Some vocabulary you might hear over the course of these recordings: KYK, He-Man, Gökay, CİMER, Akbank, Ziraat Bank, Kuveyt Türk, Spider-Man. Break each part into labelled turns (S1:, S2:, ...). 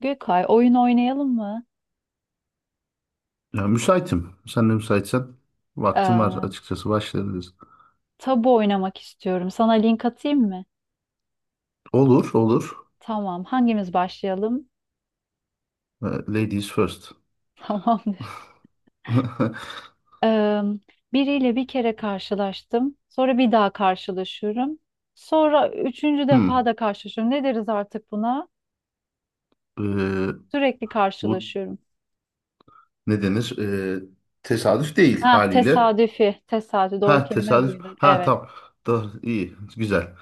S1: Gökay, oyun oynayalım mı?
S2: Ya, müsaitim. Sen de müsaitsen vaktim var
S1: Ee,
S2: açıkçası başlayabiliriz.
S1: Tabu oynamak istiyorum. Sana link atayım mı?
S2: Olur, olur.
S1: Tamam. Hangimiz başlayalım?
S2: Ladies first.
S1: Tamamdır. Ee, Biriyle bir kere karşılaştım. Sonra bir daha karşılaşıyorum. Sonra üçüncü defa
S2: Hmm.
S1: da karşılaşıyorum. Ne deriz artık buna?
S2: ee,
S1: Sürekli
S2: bu
S1: karşılaşıyorum.
S2: ne denir? Tesadüf değil
S1: Ah,
S2: haliyle.
S1: tesadüfi. Tesadüf. Doğru
S2: Ha,
S1: kelime
S2: tesadüf.
S1: buydu.
S2: Ha,
S1: Evet.
S2: tam. Da, iyi, güzel.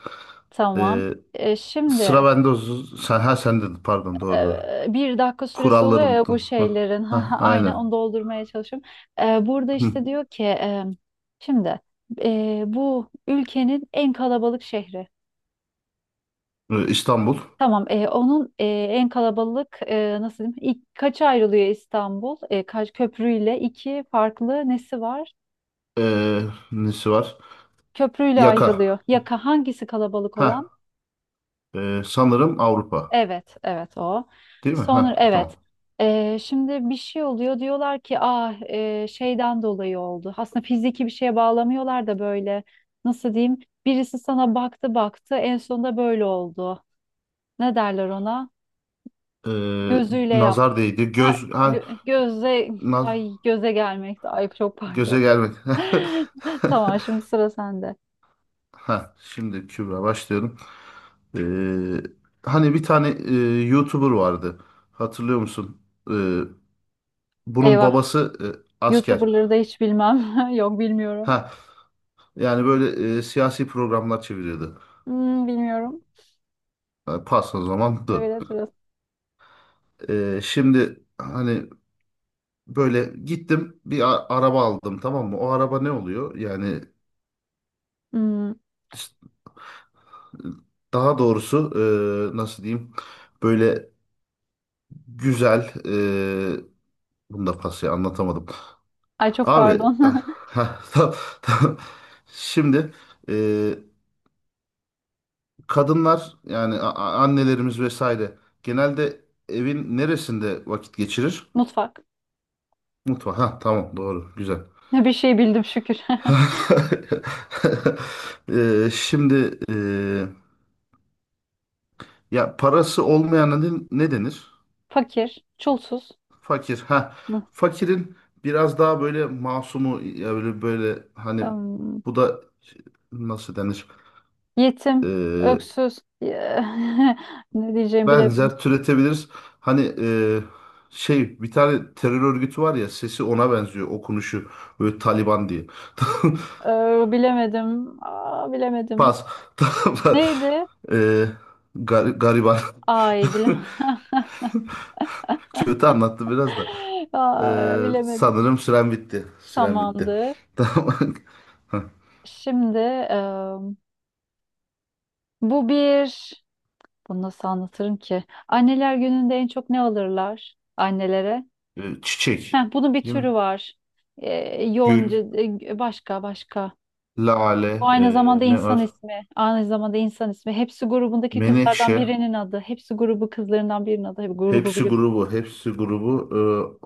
S1: Tamam.
S2: Ee, Sıra
S1: Şimdi
S2: bende. Sen, ha sende. Pardon, doğru doğru.
S1: bir dakika süresi
S2: Kuralları
S1: oluyor ya bu
S2: unuttum.
S1: şeylerin.
S2: Ha,
S1: Ha,
S2: ha,
S1: ha, aynen
S2: aynen.
S1: onu doldurmaya çalışıyorum. Burada
S2: Hmm.
S1: işte diyor ki şimdi bu ülkenin en kalabalık şehri.
S2: İstanbul.
S1: Tamam, onun en kalabalık, nasıl diyeyim, ilk, kaça ayrılıyor İstanbul? Kaç köprüyle iki farklı nesi var?
S2: Ee, Nesi var?
S1: Köprüyle
S2: Yaka.
S1: ayrılıyor. Yaka hangisi kalabalık olan?
S2: Ha, sanırım Avrupa.
S1: Evet, evet o.
S2: Değil mi?
S1: Sonra
S2: Ha,
S1: evet.
S2: tamam.
S1: Şimdi bir şey oluyor, diyorlar ki ah, şeyden dolayı oldu. Aslında fiziki bir şeye bağlamıyorlar da böyle, nasıl diyeyim? Birisi sana baktı baktı en sonunda böyle oldu. Ne derler ona?
S2: Ee,
S1: Gözüyle yaptı.
S2: Nazar değdi.
S1: Ha,
S2: Göz ha,
S1: göze,
S2: naz,
S1: ay göze gelmekti. Ay çok pardon.
S2: göze gelmedi.
S1: Tamam, şimdi sıra sende.
S2: Ha, şimdi Kübra başlıyorum. Ee, Hani bir tane YouTuber vardı. Hatırlıyor musun? Ee, Bunun
S1: Eyvah.
S2: babası asker.
S1: YouTuber'ları da hiç bilmem. Yok, bilmiyorum.
S2: Ha, yani böyle siyasi programlar çeviriyordu.
S1: Hmm, bilmiyorum.
S2: Ha, pas o zaman dur.
S1: Evet, evet.
S2: Şimdi hani böyle gittim bir araba aldım, tamam mı? O araba ne oluyor? Yani
S1: Hmm.
S2: daha doğrusu, nasıl diyeyim? Böyle güzel bunu da pası anlatamadım.
S1: Ay çok
S2: Abi
S1: pardon.
S2: ah, heh, tam. Şimdi e, kadınlar yani annelerimiz vesaire genelde evin neresinde vakit geçirir?
S1: Mutfak.
S2: Mutfağı. Ha, tamam, doğru, güzel.
S1: Bir şey bildim şükür.
S2: E, şimdi ya parası olmayana ne denir?
S1: Fakir, çulsuz.
S2: Fakir. Ha.
S1: Hı.
S2: Fakirin biraz daha böyle masumu ya, böyle hani
S1: Am,
S2: bu da nasıl denir?
S1: yetim,
S2: Ee,
S1: öksüz. Ne diyeceğimi bilemedim.
S2: Benzer türetebiliriz. Hani şey, bir tane terör örgütü var ya, sesi ona benziyor, okunuşu böyle Taliban diye.
S1: Bilemedim. Aa, bilemedim.
S2: Pas. Tamam.
S1: Neydi?
S2: Ee, Gariban.
S1: Ay bilemedim.
S2: Kötü anlattı biraz da.
S1: Ay, bilemedim.
S2: Sanırım süren bitti. Süren bitti.
S1: Tamamdır.
S2: Tamam. Ha,
S1: Şimdi em, bu bir... Bunu nasıl anlatırım ki? Anneler gününde en çok ne alırlar annelere?
S2: e, çiçek.
S1: Heh, bunun bir
S2: Değil
S1: türü
S2: mi?
S1: var. Yonca,
S2: Gül,
S1: başka, başka.
S2: lale,
S1: Bu aynı
S2: e,
S1: zamanda
S2: ne
S1: insan
S2: var?
S1: ismi. Aynı zamanda insan ismi. Hepsi grubundaki kızlardan
S2: Menekşe.
S1: birinin adı. Hepsi grubu kızlarından birinin adı. Hep grubu
S2: Hepsi
S1: biliyorum.
S2: grubu. Hepsi grubu.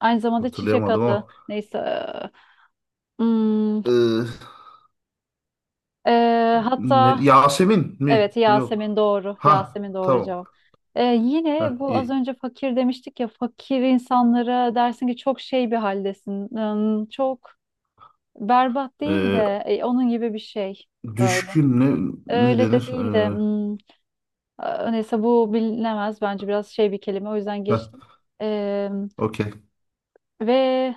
S1: Aynı zamanda çiçek
S2: Hatırlayamadım
S1: adı.
S2: ama.
S1: Neyse. Hmm,
S2: E,
S1: Hatta
S2: Yasemin mi?
S1: evet, Yasemin
S2: Yok.
S1: doğru.
S2: Ha,
S1: Yasemin doğru
S2: tamam.
S1: cevap. Yine
S2: Ha,
S1: bu, az
S2: iyi.
S1: önce fakir demiştik ya. Fakir insanlara dersin ki çok şey bir haldesin. Çok berbat değil
S2: E,
S1: de onun gibi bir şey. Böyle.
S2: düşkün ne, ne
S1: Öyle de
S2: denir?
S1: değil de.
S2: E,
S1: Neyse bu bilinemez. Bence biraz şey bir kelime. O yüzden
S2: heh,
S1: geçtim. Ee,
S2: okey.
S1: Ve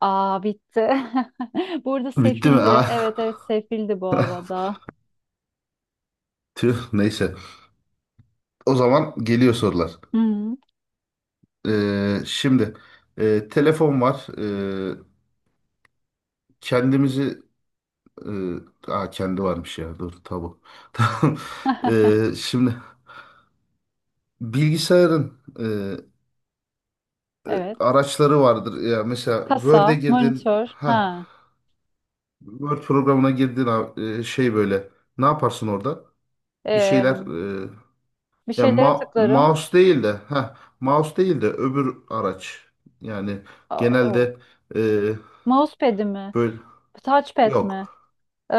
S1: aa bitti. Burada
S2: Bitti mi?
S1: sefildi.
S2: Ah.
S1: Evet, evet sefildi bu arada.
S2: Tüh, neyse. O zaman geliyor sorular.
S1: Hı,
S2: E, Şimdi telefon var. Kendimizi Ee, aa, kendi varmış ya. Dur, tabu. Tamam. Şimdi bilgisayarın e,
S1: evet.
S2: araçları vardır. Ya mesela Word'e
S1: Kasa,
S2: girdin.
S1: monitör.
S2: Ha,
S1: Ha.
S2: Word programına girdin abi, şey böyle. Ne yaparsın orada? Bir şeyler
S1: Ee,
S2: e,
S1: Bir
S2: ya
S1: şeylere tıklarım.
S2: mouse değil de, ha mouse değil de öbür araç. Yani
S1: Aa, o.
S2: genelde e,
S1: Mousepad'i mi?
S2: böyle
S1: Touchpad mi?
S2: yok.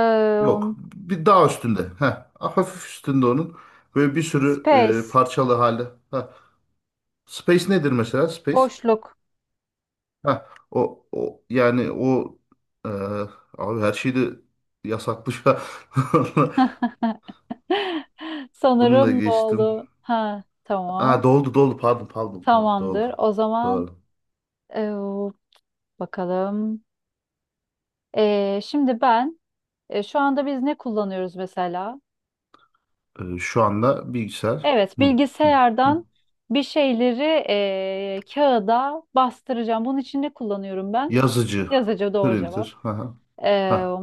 S1: Ee,
S2: Yok. Bir daha üstünde. Ha, hafif üstünde onun. Böyle bir sürü
S1: Space.
S2: parçalı hali. Space nedir mesela? Space.
S1: Boşluk.
S2: Ha, o yani o e, abi her şey de yasaklı şu an. Bununla
S1: Sanırım
S2: geçtim.
S1: doldu. Ha, tamam.
S2: Ha, doldu doldu, pardon, doldu.
S1: Tamamdır. O zaman
S2: Doğru.
S1: bakalım. Şimdi ben, şu anda biz ne kullanıyoruz mesela?
S2: Şu anda bilgisayar
S1: Evet,
S2: mı? Hı, hı.
S1: bilgisayardan bir şeyleri kağıda bastıracağım. Bunun için ne kullanıyorum ben?
S2: Yazıcı.
S1: Yazıcı doğru cevap.
S2: Printer. Ha, ha.
S1: Ee,
S2: Ha.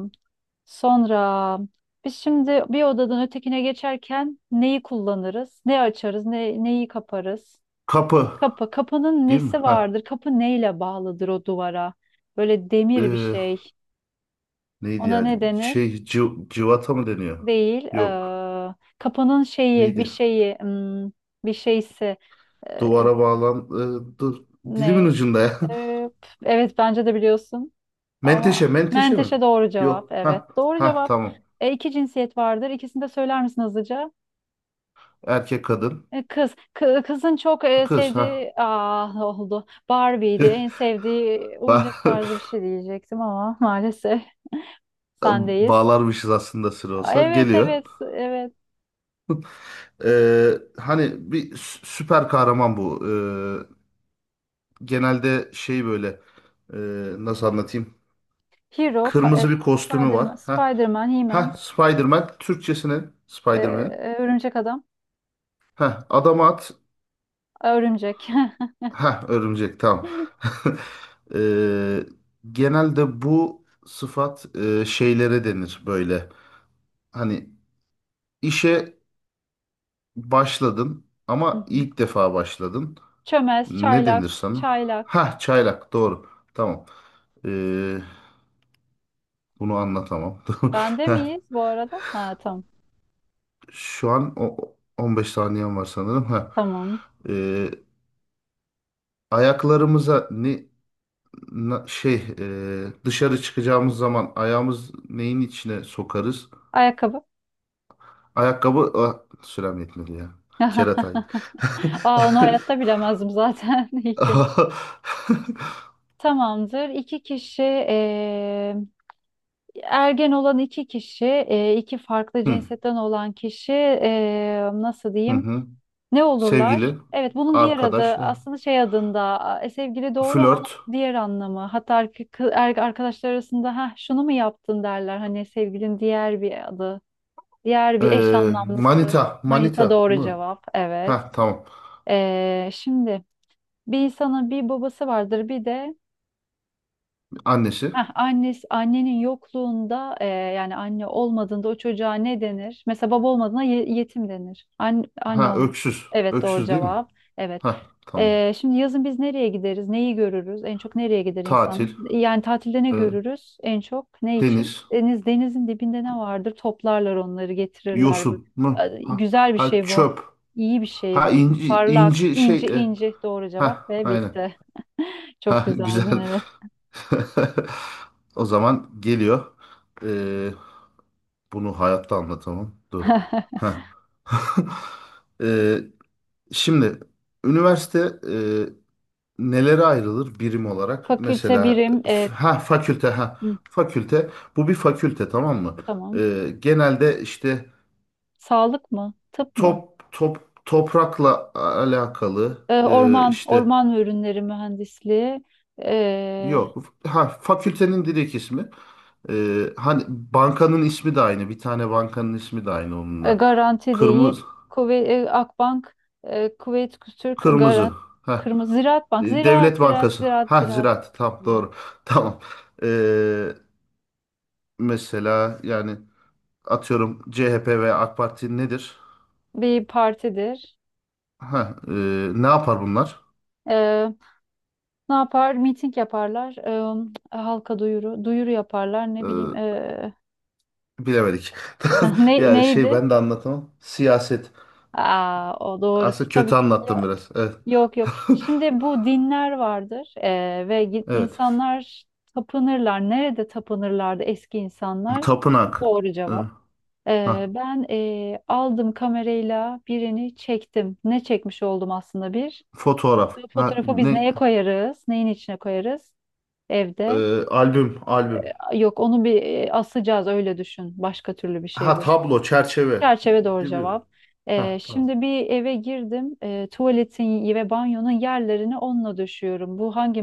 S1: Sonra biz şimdi bir odadan ötekine geçerken neyi kullanırız? Ne açarız? Neyi kaparız?
S2: Kapı
S1: Kapı. Kapının
S2: değil mi?
S1: nesi
S2: Ha.
S1: vardır? Kapı neyle bağlıdır o duvara? Böyle demir bir
S2: E,
S1: şey.
S2: neydi
S1: Ona
S2: ya?
S1: ne denir?
S2: Şey, civata mı deniyor?
S1: Değil.
S2: Yok.
S1: Kapanın şeyi, bir
S2: Neydi?
S1: şeyi, bir şeysi, eee,
S2: Duvara bağlan... e, dur. Dilimin
S1: ne?
S2: ucunda ya.
S1: Eee, evet, bence de biliyorsun ama
S2: Menteşe, menteşe mi?
S1: menteşe doğru cevap.
S2: Yok.
S1: Evet,
S2: Ha,
S1: doğru
S2: ha,
S1: cevap.
S2: tamam.
S1: E, iki cinsiyet vardır. İkisini de söyler misin hızlıca?
S2: Erkek, kadın,
S1: E, kız, kızın çok
S2: kız. Ha.
S1: sevdiği, ah oldu. Barbie'ydi. En sevdiği
S2: Ba-
S1: oyuncak tarzı bir şey diyecektim ama maalesef sendeyiz.
S2: Bağlarmışız aslında sıra
S1: Aa,
S2: olsa.
S1: evet,
S2: Geliyor.
S1: evet, evet.
S2: Hani bir süper kahraman bu. Genelde şey böyle, e, nasıl anlatayım?
S1: Hero,
S2: Kırmızı bir kostümü var.
S1: Spider-Man,
S2: Ha.
S1: Spider-Man, He-Man.
S2: Ha, Spider-Man, Türkçesine Spider-Man'in.
S1: Örümcek adam.
S2: Ha, adam at.
S1: Örümcek.
S2: Ha, örümcek, tamam. Eee, genelde bu sıfat şeylere denir böyle. Hani işe başladın
S1: Hı
S2: ama
S1: hı.
S2: ilk defa başladın.
S1: Çömez,
S2: Ne denir
S1: çaylak,
S2: sana?
S1: çaylak.
S2: Ha, çaylak, doğru. Tamam. Eee, Bunu anlatamam.
S1: Bende
S2: Heh,
S1: miyiz bu arada? Ha tamam.
S2: şu an o, 15 saniyem var sanırım. Ha.
S1: Tamam.
S2: Eee, Ayaklarımıza ne şey dışarı çıkacağımız zaman ayağımız neyin içine sokarız?
S1: Ayakkabı.
S2: Ayakkabı ah, sürem yetmedi ya. Kerataydı.
S1: Aa, onu hayatta bilemezdim zaten. İyi ki. Tamamdır. İki kişi, ergen olan iki kişi, iki farklı
S2: Hı,
S1: cinsetten olan kişi, nasıl
S2: hı
S1: diyeyim?
S2: hı.
S1: Ne olurlar?
S2: Sevgili,
S1: Evet, bunun diğer adı
S2: arkadaş, ha.
S1: aslında şey adında, sevgili doğru ama onun
S2: Flört,
S1: diğer anlamı. Hatta arkadaşlar arasında ha şunu mu yaptın derler. Hani sevgilin diğer bir adı, diğer
S2: e,
S1: bir eş anlamlısı.
S2: manita,
S1: Manita
S2: manita
S1: doğru
S2: mı?
S1: cevap. Evet.
S2: Ha, tamam.
S1: E, şimdi bir insanın bir babası vardır, bir de,
S2: Annesi.
S1: heh, annesi, annenin yokluğunda, yani anne olmadığında o çocuğa ne denir? Mesela baba olmadığında yetim denir. Anne, anne
S2: Ha,
S1: olmadı.
S2: öksüz.
S1: Evet, doğru
S2: Öksüz değil mi?
S1: cevap. Evet.
S2: Ha, tamam.
S1: E, şimdi yazın biz nereye gideriz? Neyi görürüz? En çok nereye gider insanlar?
S2: Tatil,
S1: Yani tatilde ne
S2: e,
S1: görürüz? En çok ne
S2: deniz,
S1: için? Deniz, denizin dibinde ne vardır? Toplarlar onları getirirler. Bu.
S2: yosun mu?
S1: E,
S2: Ha,
S1: güzel bir
S2: ha,
S1: şey bu.
S2: çöp.
S1: İyi bir şey
S2: Ha,
S1: bu.
S2: inci
S1: Parlak,
S2: inci şey
S1: ince ince doğru cevap
S2: ha,
S1: ve
S2: aynen.
S1: bitti. Çok
S2: Ha, güzel.
S1: güzeldin, evet.
S2: O zaman geliyor. Ee, Bunu hayatta anlatamam. Dur. Ha. Ee, Şimdi üniversite e, nelere ayrılır birim olarak?
S1: Fakülte
S2: Mesela
S1: birim,
S2: ha fakülte ha
S1: hı.
S2: fakülte. Bu bir fakülte tamam mı?
S1: Tamam.
S2: Genelde işte
S1: Sağlık mı? Tıp mı?
S2: toprakla alakalı
S1: Orman,
S2: işte
S1: orman ve ürünleri mühendisliği. Ee,
S2: yok. Ha, fakültenin direkt ismi. Hani bankanın ismi de aynı. Bir tane bankanın ismi de aynı onunla.
S1: Garanti değil.
S2: Kırmızı.
S1: Kuvvet, Akbank, Kuveyt Türk,
S2: Kırmızı.
S1: Garanti,
S2: Ha,
S1: Kırmızı Ziraat Bank,
S2: e,
S1: Ziraat,
S2: Devlet
S1: Ziraat,
S2: Bankası.
S1: Ziraat,
S2: Ha,
S1: Ziraat.
S2: Ziraat. Tamam,
S1: Evet.
S2: doğru. Tamam. Ee, Mesela yani atıyorum, CHP ve AK Parti nedir?
S1: Bir partidir.
S2: Ha, e, ne yapar bunlar?
S1: Ee, Ne yapar? Miting yaparlar. Halka duyuru, duyuru yaparlar. Ne bileyim.
S2: Ee, Bilemedik. Ya, şey,
S1: Neydi?
S2: ben de anlatamam. Siyaset.
S1: Aa, o doğru.
S2: Aslında kötü
S1: Tabii.
S2: anlattım biraz. Evet.
S1: Yok, yok. Şimdi bu dinler vardır ve
S2: Evet.
S1: insanlar tapınırlar. Nerede tapınırlardı eski insanlar?
S2: Tapınak.
S1: Doğru
S2: Ee,
S1: cevap.
S2: Ha,
S1: Ben aldım, kamerayla birini çektim. Ne çekmiş oldum aslında bir?
S2: fotoğraf.
S1: Bu
S2: Ha,
S1: fotoğrafı biz
S2: ne?
S1: neye koyarız? Neyin içine koyarız? Evde.
S2: Albüm.
S1: Yok, onu bir asacağız, öyle düşün. Başka türlü bir şey
S2: Ha,
S1: bu.
S2: tablo, çerçeve.
S1: Çerçeve doğru
S2: Değil mi?
S1: cevap.
S2: Ha, tamam.
S1: Şimdi bir eve girdim. Tuvaletin ve banyonun yerlerini onunla döşüyorum. Bu hangi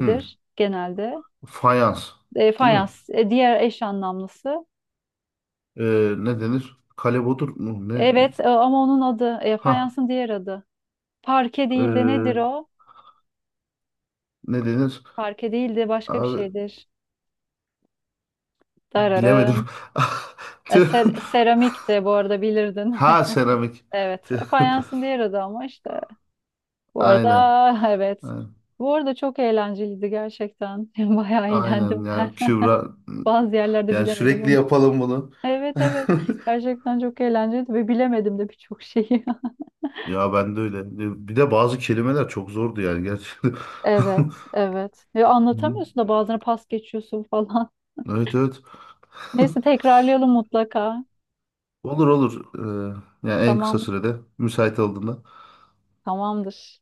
S2: Hı.
S1: genelde?
S2: Fayans. Değil mi?
S1: Fayans. Diğer eş anlamlısı.
S2: Ne denir? Kalebodur mu? Ne?
S1: Evet, ama onun adı,
S2: Ha,
S1: fayansın diğer adı. Parke değil de nedir
S2: ee,
S1: o?
S2: ne denir?
S1: Parke değil de başka bir
S2: Abi,
S1: şeydir.
S2: bilemedim.
S1: Dararın. E,
S2: Tüh.
S1: seramik de bu arada bilirdin.
S2: Ha, seramik.
S1: Evet.
S2: Tüh.
S1: Fayansın diğer adı ama işte. Bu
S2: Aynen.
S1: arada evet.
S2: Aynen.
S1: Bu arada çok eğlenceliydi gerçekten. Bayağı
S2: Aynen
S1: eğlendim ben.
S2: yani Kübra,
S1: Bazı yerlerde
S2: yani
S1: bilemedim
S2: sürekli
S1: onu.
S2: yapalım bunu.
S1: Evet, evet. Gerçekten çok eğlenceliydi ve bilemedim de birçok şeyi.
S2: Ya, ben de öyle. Bir de bazı kelimeler çok zordu yani, gerçi.
S1: Evet, evet. Ve
S2: Hı.
S1: anlatamıyorsun da bazen pas geçiyorsun falan.
S2: Evet, evet.
S1: Neyse tekrarlayalım mutlaka.
S2: Olur, olur. Yani en kısa
S1: Tamam,
S2: sürede müsait olduğunda.
S1: tamamdır.